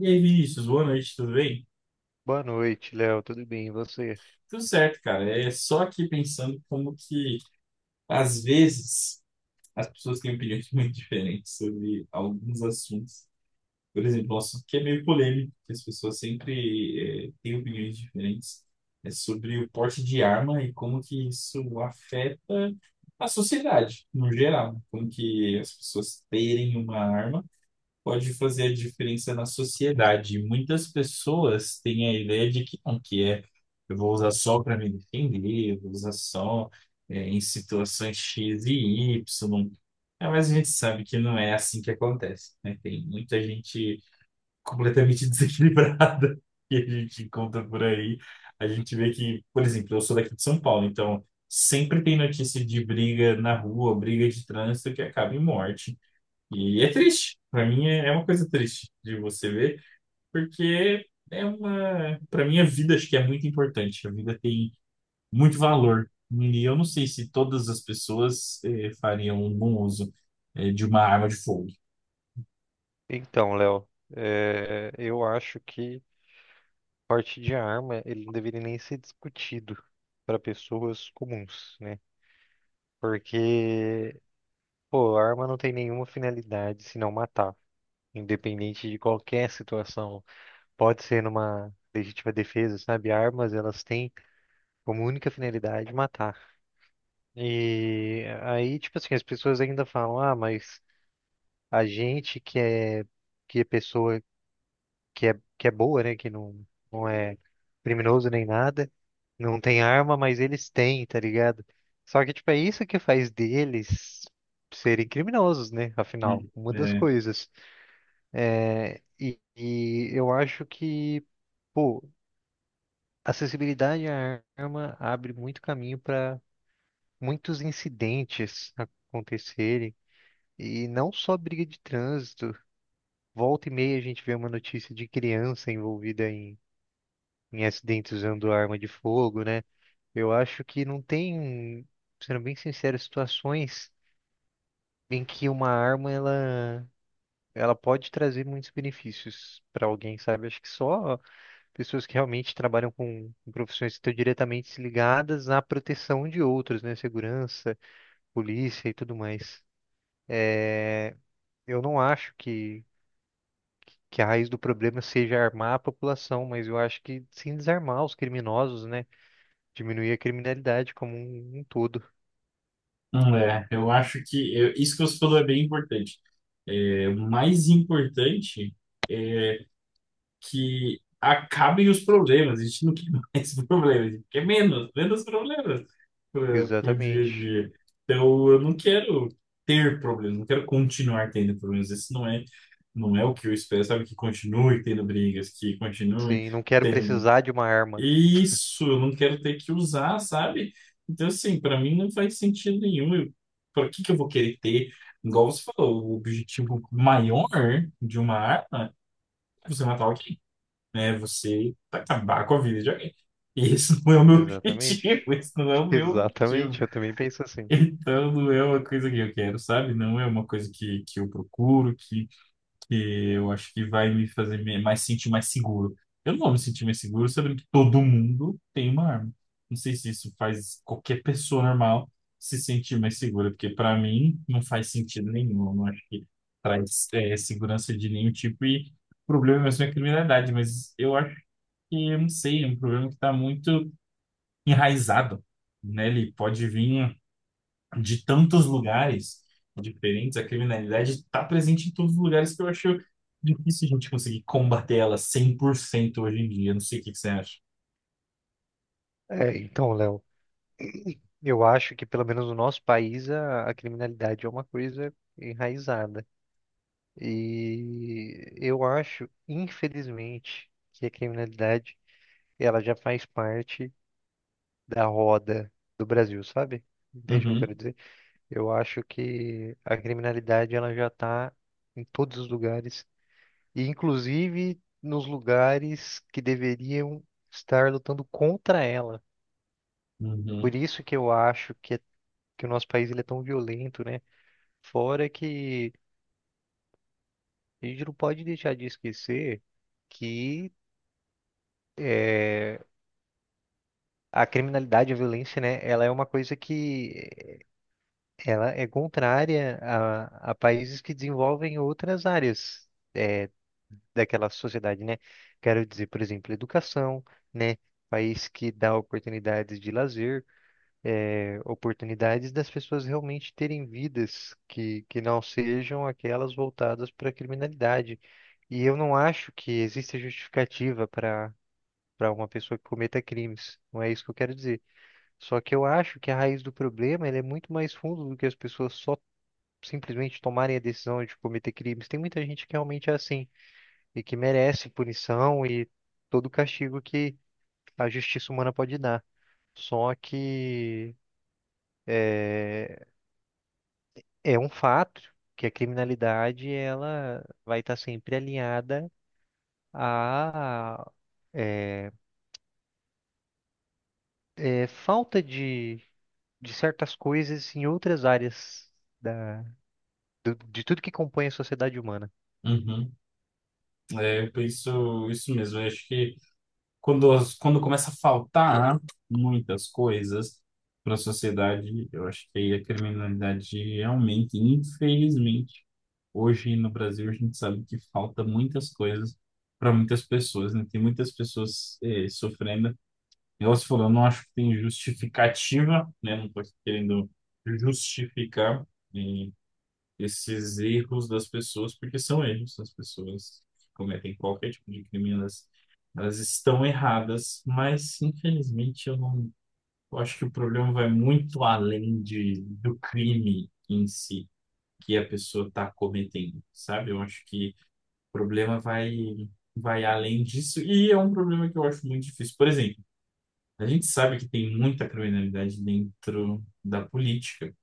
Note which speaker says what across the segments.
Speaker 1: E aí, Vinícius, boa noite, tudo bem?
Speaker 2: Boa noite, Léo. Tudo bem? E você?
Speaker 1: Tudo certo, cara. É só aqui pensando como que, às vezes, as pessoas têm opiniões muito diferentes sobre alguns assuntos. Por exemplo, um assunto que é meio polêmico, que as pessoas sempre, têm opiniões diferentes, é sobre o porte de arma e como que isso afeta a sociedade, no geral. Como que as pessoas terem uma arma pode fazer a diferença na sociedade. E muitas pessoas têm a ideia de que não, que é eu vou usar só para me defender, eu vou usar só em situações X e Y. É, mas a gente sabe que não é assim que acontece, né? Tem muita gente completamente desequilibrada que a gente encontra por aí. A gente vê que, por exemplo, eu sou daqui de São Paulo, então sempre tem notícia de briga na rua, briga de trânsito que acaba em morte. E é triste. Para mim é uma coisa triste de você ver, porque é uma, para mim a vida acho que é muito importante. A vida tem muito valor. E eu não sei se todas as pessoas fariam um bom uso de uma arma de fogo.
Speaker 2: Então, Léo, eu acho que porte de arma ele não deveria nem ser discutido para pessoas comuns, né? Porque, pô, a arma não tem nenhuma finalidade senão matar, independente de qualquer situação. Pode ser numa legítima defesa, sabe? Armas, elas têm como única finalidade matar. E aí, tipo assim, as pessoas ainda falam, ah, mas a gente que é pessoa que é boa, né? Que não, não é criminoso nem nada. Não tem arma, mas eles têm, tá ligado? Só que, tipo, é isso que faz deles serem criminosos, né? Afinal, uma das
Speaker 1: É.
Speaker 2: coisas. É, e eu acho que, pô, acessibilidade à arma abre muito caminho para muitos incidentes acontecerem. E não só briga de trânsito. Volta e meia a gente vê uma notícia de criança envolvida em acidentes usando arma de fogo, né? Eu acho que não tem, sendo bem sincero, situações em que uma arma ela pode trazer muitos benefícios para alguém, sabe? Acho que só pessoas que realmente trabalham com profissões que estão diretamente ligadas à proteção de outros, né? Segurança, polícia e tudo mais. É, Eu não acho que a raiz do problema seja armar a população, mas eu acho que sim desarmar os criminosos, né? Diminuir a criminalidade como um todo.
Speaker 1: Hum, é, eu acho que isso que você falou é bem importante. É, o mais importante é que acabem os problemas. A gente não quer mais problemas, a gente quer menos, menos problemas pro dia a
Speaker 2: Exatamente.
Speaker 1: dia. Então, eu não quero ter problemas, não quero continuar tendo problemas. Esse não é, Não é o que eu espero, sabe? Que continue tendo brigas, que continue
Speaker 2: Sim, não quero
Speaker 1: tendo.
Speaker 2: precisar de uma arma.
Speaker 1: Isso, eu não quero ter que usar, sabe? Então, assim, para mim não faz sentido nenhum. Eu, para que que eu vou querer ter? Igual você falou, o objetivo maior de uma arma é você matar alguém, né? Você acabar com a vida de alguém. E isso não é o meu objetivo,
Speaker 2: Exatamente.
Speaker 1: isso não é o meu objetivo.
Speaker 2: Exatamente, eu também penso assim.
Speaker 1: Então, não é uma coisa que eu quero, sabe? Não é uma coisa que eu procuro, que eu acho que vai me fazer me- mais sentir mais seguro. Eu não vou me sentir mais seguro sabendo que todo mundo tem uma arma. Não sei se isso faz qualquer pessoa normal se sentir mais segura, porque para mim não faz sentido nenhum. Eu não acho que traz segurança de nenhum tipo e o problema mesmo é a criminalidade, mas eu acho que eu não sei, é um problema que está muito enraizado, né? Ele pode vir de tantos lugares diferentes, a criminalidade está presente em todos os lugares que eu acho difícil a gente conseguir combater ela 100% hoje em dia. Não sei o que que você acha.
Speaker 2: É, então, Léo, eu acho que pelo menos no nosso país a criminalidade é uma coisa enraizada. E eu acho, infelizmente, que a criminalidade ela já faz parte da roda do Brasil, sabe? Entende o que eu
Speaker 1: Uhum.
Speaker 2: quero dizer? Eu acho que a criminalidade ela já está em todos os lugares e, inclusive nos lugares que deveriam estar lutando contra ela. Por
Speaker 1: Uhum.
Speaker 2: isso que eu acho que o nosso país ele é tão violento, né? Fora que a gente não pode deixar de esquecer que eh, a criminalidade, a violência, né? Ela é uma coisa que ela é contrária a países que desenvolvem outras áreas é, daquela sociedade, né? Quero dizer, por exemplo, educação, né? País que dá oportunidades de lazer, é, oportunidades das pessoas realmente terem vidas que não sejam aquelas voltadas para a criminalidade. E eu não acho que exista justificativa para uma pessoa que cometa crimes. Não é isso que eu quero dizer. Só que eu acho que a raiz do problema ela é muito mais fundo do que as pessoas só simplesmente tomarem a decisão de cometer crimes. Tem muita gente que realmente é assim e que merece punição e todo o castigo que a justiça humana pode dar. Só que é, é um fato que a criminalidade ela vai estar sempre alinhada à é, é, falta de certas coisas em outras áreas da, de tudo que compõe a sociedade humana.
Speaker 1: Uhum. É, por isso, isso mesmo. Eu acho que quando começa a faltar muitas coisas para a sociedade, eu acho que aí a criminalidade aumenta. E, infelizmente, hoje no Brasil a gente sabe que falta muitas coisas para muitas pessoas, né? Tem muitas pessoas sofrendo. Igual você falou, eu não acho que tem justificativa, né? Não estou querendo justificar. eh, Esses erros das pessoas, porque são erros, as pessoas que cometem qualquer tipo de crime, elas estão erradas, mas infelizmente eu não, eu acho que o problema vai muito além de, do crime em si que a pessoa está cometendo, sabe? Eu acho que o problema vai além disso e é um problema que eu acho muito difícil. Por exemplo, a gente sabe que tem muita criminalidade dentro da política.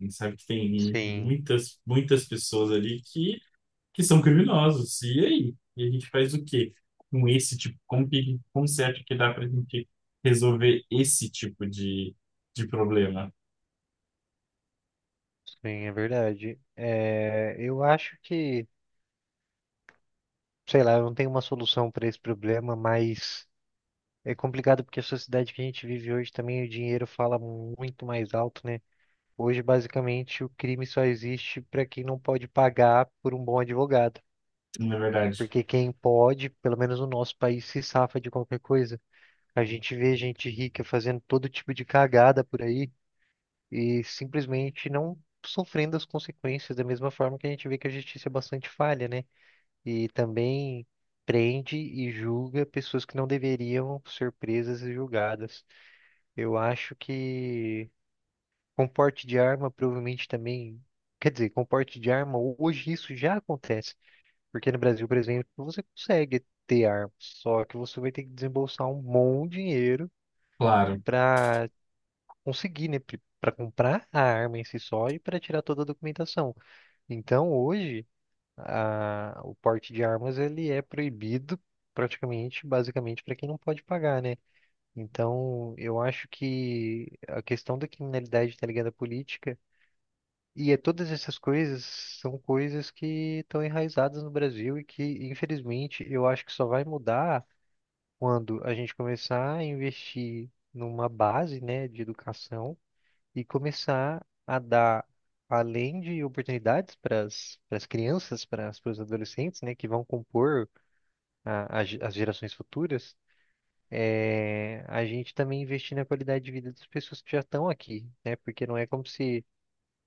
Speaker 1: A gente sabe que tem
Speaker 2: Sim.
Speaker 1: muitas, muitas pessoas ali que são criminosos. E aí? E a gente faz o quê com esse tipo? Como você acha que dá para a gente resolver esse de problema?
Speaker 2: Sim, é verdade. É, eu acho que, sei lá, eu não tenho uma solução para esse problema, mas é complicado porque a sociedade que a gente vive hoje também o dinheiro fala muito mais alto, né? Hoje, basicamente, o crime só existe para quem não pode pagar por um bom advogado.
Speaker 1: Na verdade,
Speaker 2: Porque quem pode, pelo menos no nosso país, se safa de qualquer coisa. A gente vê gente rica fazendo todo tipo de cagada por aí e simplesmente não sofrendo as consequências, da mesma forma que a gente vê que a justiça é bastante falha, né? E também prende e julga pessoas que não deveriam ser presas e julgadas. Eu acho que com porte de arma provavelmente também, quer dizer, com porte de arma hoje isso já acontece, porque no Brasil, por exemplo, você consegue ter arma, só que você vai ter que desembolsar um bom dinheiro
Speaker 1: claro.
Speaker 2: para conseguir, né, para comprar a arma em si só e para tirar toda a documentação. Então, hoje o porte de armas ele é proibido praticamente, basicamente, para quem não pode pagar, né? Então, eu acho que a questão da criminalidade tá ligada à política e é, todas essas coisas são coisas que estão enraizadas no Brasil e que, infelizmente, eu acho que só vai mudar quando a gente começar a investir numa base, né, de educação e começar a dar, além de oportunidades para as crianças, para os adolescentes, né, que vão compor as gerações futuras, a gente também investir na qualidade de vida das pessoas que já estão aqui, né, porque não é como se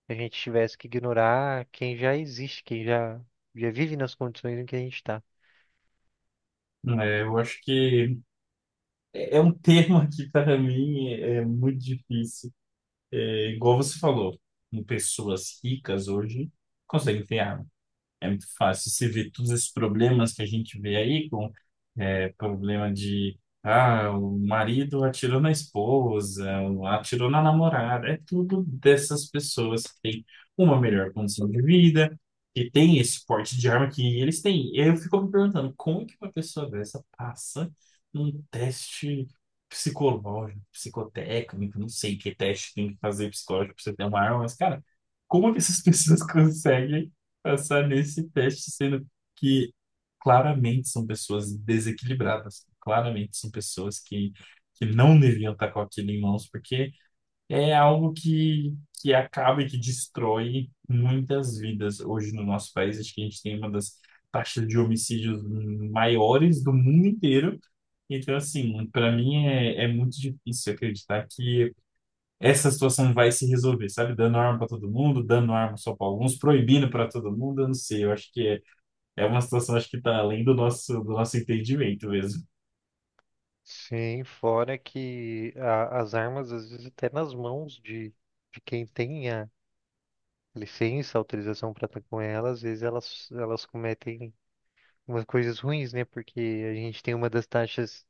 Speaker 2: a gente tivesse que ignorar quem já existe, já vive nas condições em que a gente está.
Speaker 1: É, eu acho que é um termo que para mim é muito difícil. É, igual você falou, em pessoas ricas hoje conseguem ter arma. É muito fácil. Você vê todos esses problemas que a gente vê aí. É problema de, ah, o marido atirou na esposa, atirou na namorada. É tudo dessas pessoas que têm uma melhor condição de vida, que tem esse porte de arma que eles têm. E aí eu fico me perguntando, como que uma pessoa dessa passa num teste psicológico, psicotécnico, não sei que teste tem que fazer psicológico pra você ter uma arma, mas, cara, como que essas pessoas conseguem passar nesse teste sendo que claramente são pessoas desequilibradas, claramente são pessoas que não deviam estar com aquilo em mãos, porque é algo que acaba e que destrói muitas vidas hoje no nosso país. Acho que a gente tem uma das taxas de homicídios maiores do mundo inteiro. Então, assim, para mim é muito difícil acreditar que essa situação vai se resolver, sabe? Dando arma para todo mundo, dando arma só para alguns, proibindo para todo mundo, eu não sei. Eu acho que é uma situação, acho que tá além do nosso entendimento mesmo.
Speaker 2: Sim, fora que as armas, às vezes, até nas mãos de quem tem licença, autorização para estar com elas, às vezes elas cometem umas coisas ruins, né? Porque a gente tem uma das taxas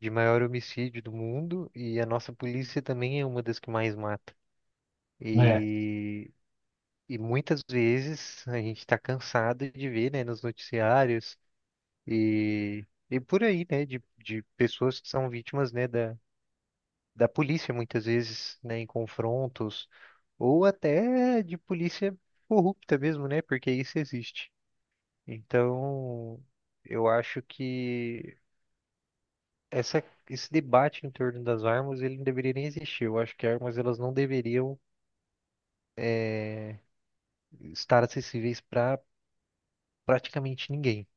Speaker 2: de maior homicídio do mundo e a nossa polícia também é uma das que mais mata.
Speaker 1: É,
Speaker 2: E, e muitas vezes a gente está cansado de ver, né, nos noticiários e, e por aí, né, de pessoas que são vítimas, né, da polícia muitas vezes, né, em confrontos ou até de polícia corrupta mesmo, né, porque isso existe. Então, eu acho que essa, esse debate em torno das armas, ele não deveria nem existir. Eu acho que armas, elas não deveriam estar acessíveis para praticamente ninguém.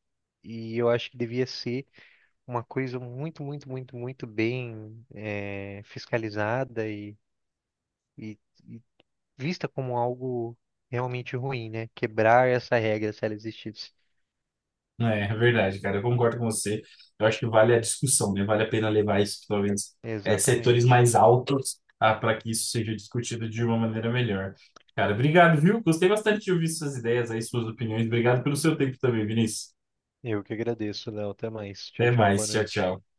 Speaker 2: E eu acho que devia ser uma coisa muito, muito, muito, muito bem fiscalizada e- e vista como algo realmente ruim, né? Quebrar essa regra se ela existisse.
Speaker 1: é verdade, cara. Eu concordo com você. Eu acho que vale a discussão, né? Vale a pena levar isso, talvez, é, setores
Speaker 2: Exatamente.
Speaker 1: mais altos, ah, para que isso seja discutido de uma maneira melhor. Cara, obrigado, viu? Gostei bastante de ouvir suas ideias aí, suas opiniões. Obrigado pelo seu tempo também, Vinícius.
Speaker 2: Eu que agradeço, Léo. Até mais. Tchau,
Speaker 1: Até
Speaker 2: tchau. Boa
Speaker 1: mais. Tchau,
Speaker 2: noite.
Speaker 1: tchau.